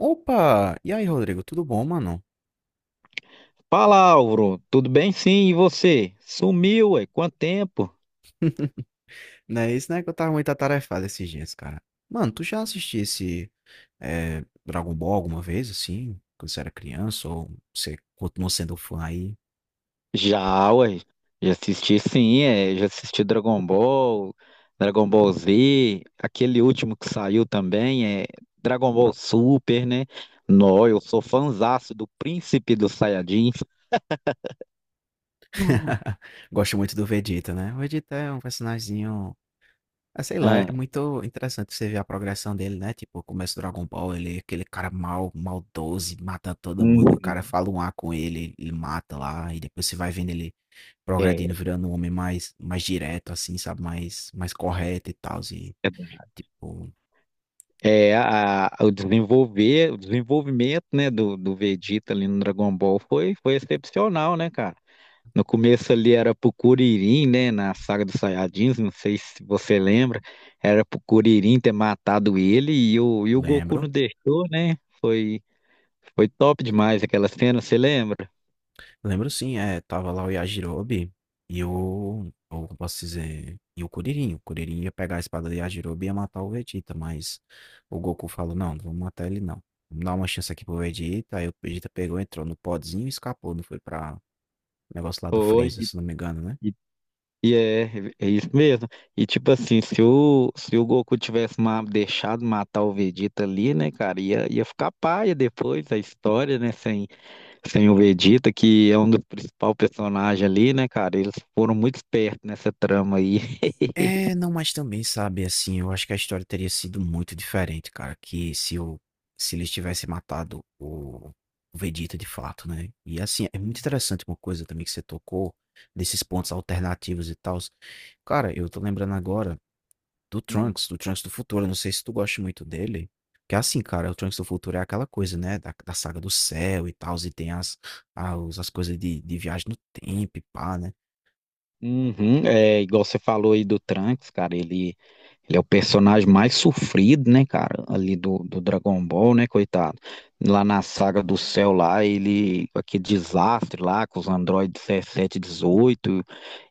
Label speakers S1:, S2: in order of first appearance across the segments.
S1: Opa! E aí, Rodrigo, tudo bom, mano?
S2: Fala, Álvaro. Tudo bem? Sim, e você? Sumiu, ué? Quanto tempo?
S1: Não é isso, né? Que eu tava muito atarefado esses dias, cara. Mano, tu já assistiu esse Dragon Ball alguma vez, assim? Quando você era criança? Ou você continua sendo fã aí?
S2: Já, ué. Já assisti, sim, é. Já assisti Dragon Ball, Dragon Ball Z, aquele último que saiu também, é Dragon Ball Super, né? Nó, eu sou fãzaço do Príncipe dos Saiyajins.
S1: Gosto muito do Vegeta, né? O Vegeta é um personagemzinho. Ah, sei lá,
S2: Ah,
S1: é muito interessante você ver a progressão dele, né? Tipo, começa o Dragon Ball, ele é aquele cara mal, maldoso, e mata todo mundo. O cara
S2: uhum.
S1: fala um A com ele, ele mata lá, e depois você vai vendo ele progredindo,
S2: é,
S1: virando um homem mais direto, assim, sabe? Mais correto e tal. E, tipo,
S2: é o desenvolvimento, né, do Vegeta ali no Dragon Ball foi excepcional, né, cara? No começo ali era pro Kuririn, né? Na saga dos Saiyajins, não sei se você lembra. Era pro Kuririn ter matado ele e o Goku não
S1: lembro.
S2: deixou, né? Foi top demais aquela cena, você lembra?
S1: Lembro sim, é, tava lá o Yajirobe e o. Ou como posso dizer? E o Kuririn. O Kuririn ia pegar a espada do Yajirobe e ia matar o Vegeta, mas o Goku falou: não, não vamos matar ele não. Vamos dar uma chance aqui pro Vegeta. Aí o Vegeta pegou, entrou no podzinho e escapou, não foi pra negócio lá do
S2: Foi,
S1: Freeza, se não me engano, né?
S2: e- e é, é isso mesmo. E tipo assim, se o Goku tivesse deixado matar o Vegeta ali, né, cara, ia ficar paia depois a história, né? Tem o Vegeta, que é um dos principais personagens ali, né, cara? Eles foram muito espertos nessa trama aí.
S1: É, não, mas também, sabe, assim, eu acho que a história teria sido muito diferente, cara, que se eu, se eles tivessem matado o Vegeta de fato, né? E assim, é muito interessante uma coisa também que você tocou, desses pontos alternativos e tal. Cara, eu tô lembrando agora do
S2: Hum.
S1: Trunks, do Trunks do Futuro, eu não sei se tu gosta muito dele, que assim, cara, o Trunks do Futuro é aquela coisa, né, da saga do céu e tal, e tem as coisas de viagem no tempo e pá, né?
S2: Uhum, é igual você falou aí do Trunks, cara. Ele é o personagem mais sofrido, né, cara? Ali do Dragon Ball, né, coitado? Lá na saga do céu, lá, ele. Aquele desastre lá com os androides 17, 18.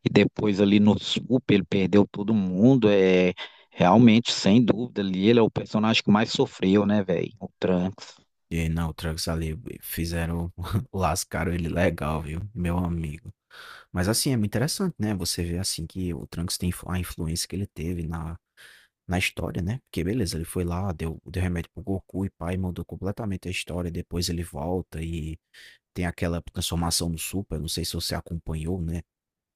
S2: E depois ali no Super, ele perdeu todo mundo. É, realmente, sem dúvida, ali ele é o personagem que mais sofreu, né, velho? O Trunks.
S1: E não, o Trunks ali fizeram, lascaram ele legal, viu? Meu amigo. Mas assim, é muito interessante, né? Você vê assim que o Trunks tem a influência que ele teve na, na história, né? Porque beleza, ele foi lá, deu remédio pro Goku e pai, mudou completamente a história. Depois ele volta e tem aquela transformação no Super, não sei se você acompanhou, né?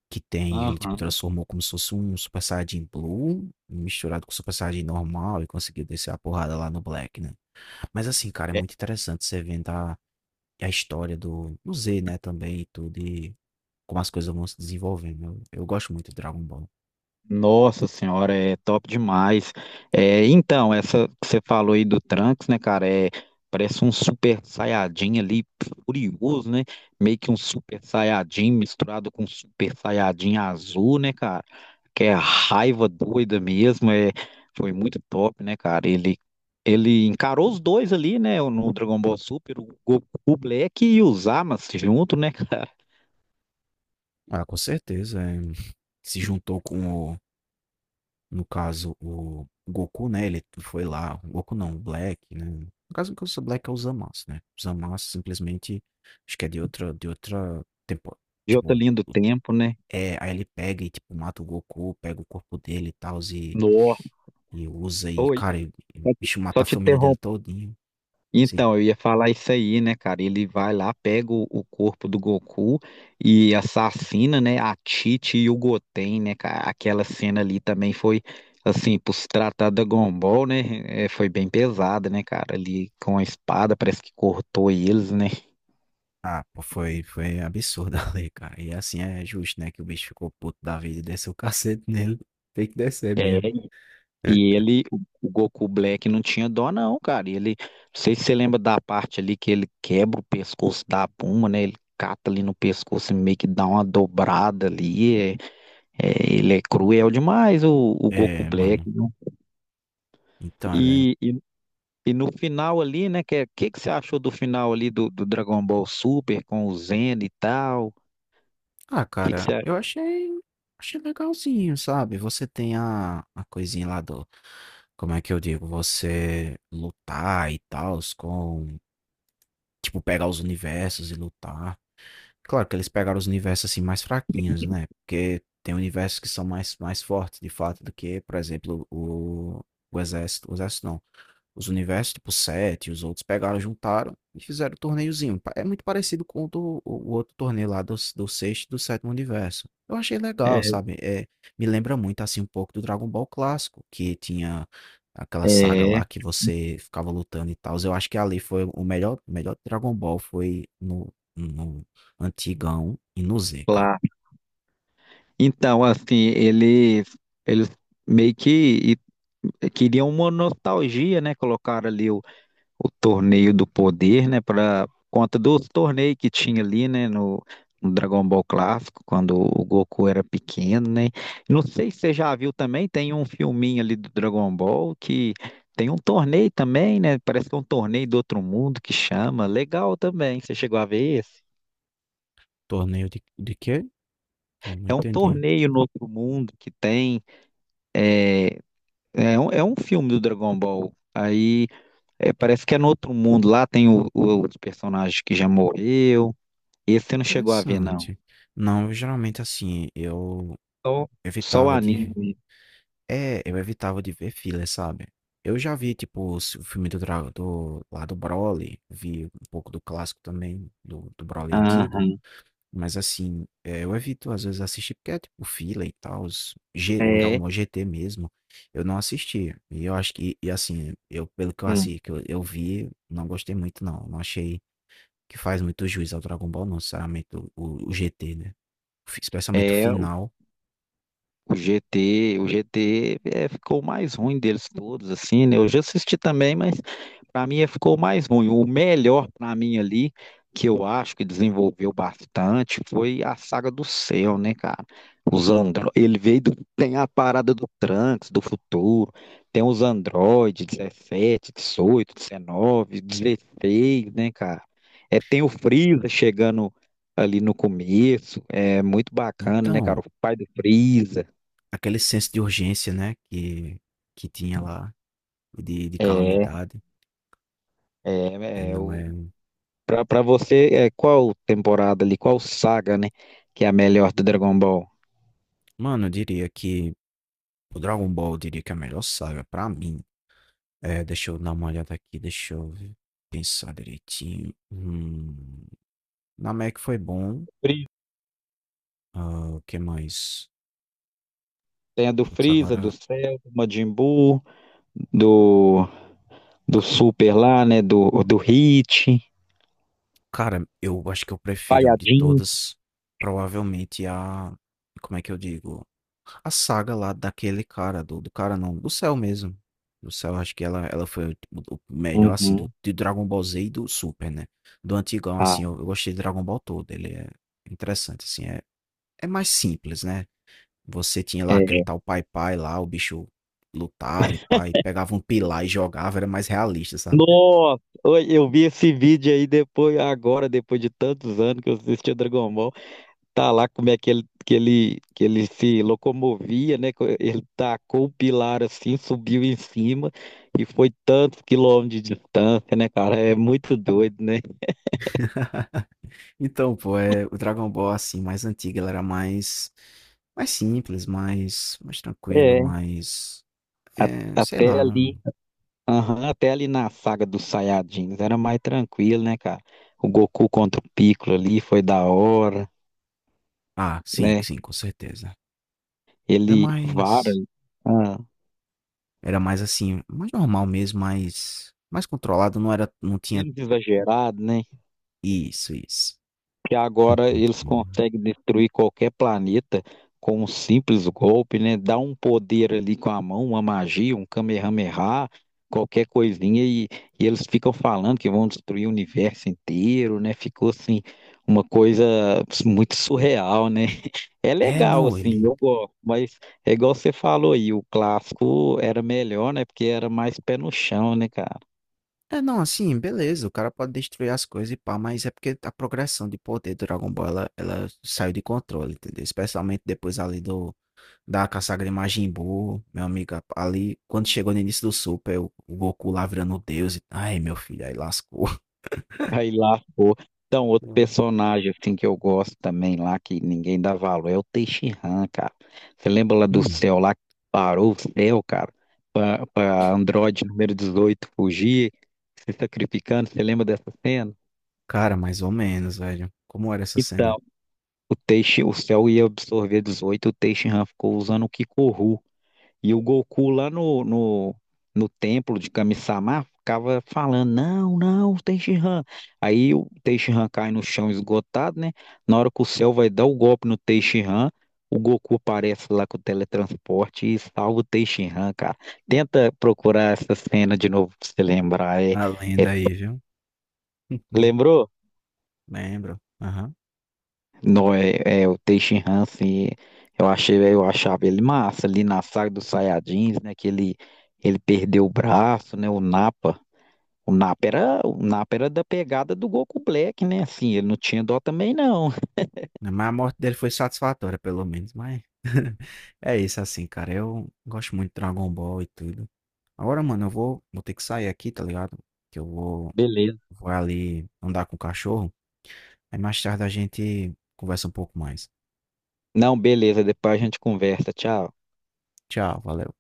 S1: Que tem, ele tipo
S2: Aham.
S1: transformou como se fosse um Super Saiyajin Blue misturado com Super Saiyajin normal e conseguiu descer a porrada lá no Black, né? Mas assim, cara, é
S2: É,
S1: muito interessante você vendo a história do Z, né, também e tudo, e como as coisas vão se desenvolvendo. Eu gosto muito de Dragon Ball.
S2: nossa senhora, é top demais. É, então, essa que você falou aí do Trunks, né, cara, é, parece um super saiyajin ali, furioso, né? Meio que um super saiyajin misturado com super saiyajin azul, né, cara? Que é raiva doida mesmo, é, foi muito top, né, cara? Ele encarou os dois ali, né, no Dragon Ball Super, o Goku Black e o Zamasu junto, né, cara?
S1: Ah, com certeza, se juntou com o no caso, o Goku, né, ele foi lá o Goku não, o Black, né. No caso, o que eu sou Black é o Zamasu, né. O Zamasu simplesmente acho que é de outra tempo
S2: De outra
S1: tipo,
S2: linha do tempo, né?
S1: é, aí ele pega e, tipo, mata o Goku, pega o corpo dele e tal e
S2: Nossa.
S1: e usa cara, e o
S2: Só te
S1: bicho mata
S2: só
S1: a
S2: te
S1: família dele
S2: interrom-
S1: todinho, assim.
S2: Então, eu ia falar isso aí, né, cara? Ele vai lá, pega o corpo do Goku e assassina, né, a Tite e o Goten, né, cara? Aquela cena ali também foi, assim, por se tratar da Dragon Ball, né? Foi bem pesada, né, cara? Ali com a espada, parece que cortou eles, né?
S1: Ah, pô, foi absurdo ali, cara. E assim é justo, né? Que o bicho ficou puto da vida e desceu o cacete nele. Tem que descer mesmo.
S2: E ele, o Goku Black não tinha dó não, cara. E ele, não sei se você lembra da parte ali que ele quebra o pescoço da Puma, né? Ele cata ali no pescoço e meio que dá uma dobrada ali. Ele é cruel demais, o Goku
S1: É,
S2: Black,
S1: mano.
S2: né?
S1: Então, é...
S2: E, e, e no final ali, né? Que, que você achou do final ali do Dragon Ball Super com o Zen e tal?
S1: Ah,
S2: Que
S1: cara,
S2: você, acha?
S1: eu achei. Achei legalzinho, sabe? Você tem a coisinha lá do. Como é que eu digo? Você lutar e tal, com. Tipo, pegar os universos e lutar. Claro que eles pegaram os universos assim mais fraquinhos, né? Porque tem universos que são mais fortes, de fato, do que, por exemplo, o Exército. O Exército não. Os universos, tipo, sete, os outros pegaram, juntaram e fizeram o torneiozinho. É muito parecido com o outro torneio lá do, do sexto e do sétimo universo. Eu achei legal, sabe? É, me lembra muito, assim, um pouco do Dragon Ball clássico, que tinha aquela saga
S2: é, é,
S1: lá que você ficava lutando e tal. Eu acho que ali foi o melhor Dragon Ball foi no antigão e no Z, cara.
S2: Claro. Então, assim, eles meio que queriam uma nostalgia, né? Colocaram ali o torneio do poder, né? Para conta dos torneios que tinha ali, né? No, no Dragon Ball Clássico, quando o Goku era pequeno, né? Não sei se você já viu também, tem um filminho ali do Dragon Ball que tem um torneio também, né? Parece que é um torneio do outro mundo que chama. Legal também, você chegou a ver esse?
S1: Torneio de quê? Não, não
S2: É um
S1: entendi.
S2: torneio no outro mundo que tem. eh, é um filme do Dragon Ball. Aí é, parece que é no outro mundo. Lá tem os personagens que já morreu. Esse você não chegou a ver, não.
S1: Interessante. Não, geralmente assim, eu
S2: Só, só o
S1: evitava de
S2: anime.
S1: É, eu evitava de ver filler, sabe? Eu já vi, tipo, o filme do lá do Broly, vi um pouco do clássico também, do Broly antigo,
S2: Aham.
S1: mas assim, é, eu evito às vezes assistir porque é tipo filler e tal, o Dragon
S2: É.
S1: Ball GT mesmo, eu não assisti. E eu acho que, e assim, eu, pelo que eu
S2: Hum.
S1: assisti, que eu vi, não gostei muito não, não achei que faz muito juiz ao Dragon Ball, não, sinceramente, o GT, né? Especialmente o
S2: É.
S1: final.
S2: O GT é, ficou o mais ruim deles todos, assim, né? Eu já assisti também, mas para mim é, ficou o mais ruim. O melhor para mim ali, que eu acho que desenvolveu bastante, foi a saga do céu, né, cara? Os andro... Ele veio do... Tem a parada do Trunks, do futuro, tem os androides, 17, 18, 19, 16, né, cara? É, tem o Freeza chegando ali no começo, é muito bacana, né,
S1: Então,
S2: cara? O pai do Freeza.
S1: aquele senso de urgência, né, que tinha lá, de
S2: É,
S1: calamidade, é
S2: é, é
S1: não
S2: o,
S1: é um,
S2: pra você, é, qual temporada ali, qual saga, né, que é a melhor do Dragon Ball?
S1: mano, eu diria que o Dragon Ball, eu diria que é a melhor saga pra mim. É, deixa eu dar uma olhada aqui, deixa eu pensar direitinho. Namek foi bom,
S2: Freeza.
S1: hã, o que mais?
S2: Tem a do
S1: Putz,
S2: Freeza, do
S1: agora
S2: Cell, do Majin Buu, do, do Super lá, né, do Hit,
S1: cara, eu acho que eu prefiro de
S2: Saiyajin.
S1: todas, provavelmente a como é que eu digo? A saga lá daquele cara, do cara não, do céu mesmo. Do céu, acho que ela foi o melhor, assim,
S2: Uhum.
S1: do Dragon Ball Z e do Super, né? Do antigão,
S2: Ah,
S1: assim, eu gostei de Dragon Ball todo. Ele é interessante, assim, é, é mais simples, né? Você tinha lá aquele
S2: é.
S1: tal Pai Pai lá, o bicho lutava e pai, pegava um pilar e jogava, era mais realista, sabe?
S2: Nossa, oi, eu vi esse vídeo aí depois, agora, depois de tantos anos que eu assisti o Dragon Ball. Tá lá como é que ele, que ele se locomovia, né? Ele tacou o pilar assim, subiu em cima e foi tantos quilômetros de distância, né, cara? É muito doido, né?
S1: Então, pô, é, o Dragon Ball, assim, mais antigo, ele era mais, mais simples, mais tranquilo,
S2: É,
S1: mais,
S2: a-
S1: é, sei
S2: até
S1: lá,
S2: ali,
S1: não...
S2: aham, até ali na saga dos Saiyajins era mais tranquilo, né, cara? O Goku contra o Piccolo ali foi da hora,
S1: Ah, sim,
S2: né?
S1: sim, com certeza. Era
S2: Ele vara,
S1: mais...
S2: ah,
S1: Era mais assim, mais normal mesmo, mais controlado, não era, não tinha
S2: menos exagerado, né?
S1: isso, isso.
S2: Que agora eles
S1: Uhum.
S2: conseguem destruir qualquer planeta com um simples golpe, né? Dá um poder ali com a mão, uma magia, um Kamehameha, qualquer coisinha, e, eles ficam falando que vão destruir o universo inteiro, né? Ficou assim, uma coisa muito surreal, né? É
S1: É,
S2: legal,
S1: não,
S2: assim,
S1: ele.
S2: eu gosto, mas é igual você falou aí, o clássico era melhor, né? Porque era mais pé no chão, né, cara?
S1: É, não, assim, beleza, o cara pode destruir as coisas e pá, mas é porque a progressão de poder do Dragon Ball, ela saiu de controle, entendeu? Especialmente depois ali do, da Kasagra Majin Buu, meu amigo, ali, quando chegou no início do Super, o Goku lá virando o deus e, ai, meu filho, aí lascou.
S2: Aí lá, pô. Então, outro
S1: Uhum.
S2: personagem assim que eu gosto também lá, que ninguém dá valor, é o Teixeira, cara. Você lembra lá do
S1: Hum,
S2: céu lá que parou o céu, cara, pra Android número 18 fugir, se sacrificando? Você lembra dessa cena?
S1: cara, mais ou menos, velho. Como era essa
S2: Então,
S1: cena?
S2: o céu ia absorver 18, o Teixeira ficou usando o Kikoru. E o Goku lá no templo de Kami-sama ficava falando: Não, não, Tenshinhan. Aí o Tenshinhan cai no chão esgotado, né? Na hora que o céu vai dar o golpe no Tenshinhan, o Goku aparece lá com o teletransporte e salva o Tenshinhan, cara. Tenta procurar essa cena de novo pra você lembrar.
S1: A
S2: É-
S1: lenda aí, viu?
S2: Lembrou?
S1: Lembro. Aham.
S2: Não, é o Tenshinhan, assim. Eu achava ele massa ali na saga dos Saiyajins, né? Que ele perdeu o braço, né? O Nappa. O Napa era da pegada do Goku Black, né? Assim, ele não tinha dó também, não.
S1: Mas a morte dele foi satisfatória, pelo menos, mas é isso assim, cara. Eu gosto muito de Dragon Ball e tudo. Agora, mano, eu vou, vou ter que sair aqui, tá ligado? Que eu vou,
S2: Beleza.
S1: vou ali andar com o cachorro. Aí mais tarde a gente conversa um pouco mais.
S2: Não, beleza, depois a gente conversa. Tchau.
S1: Tchau, valeu.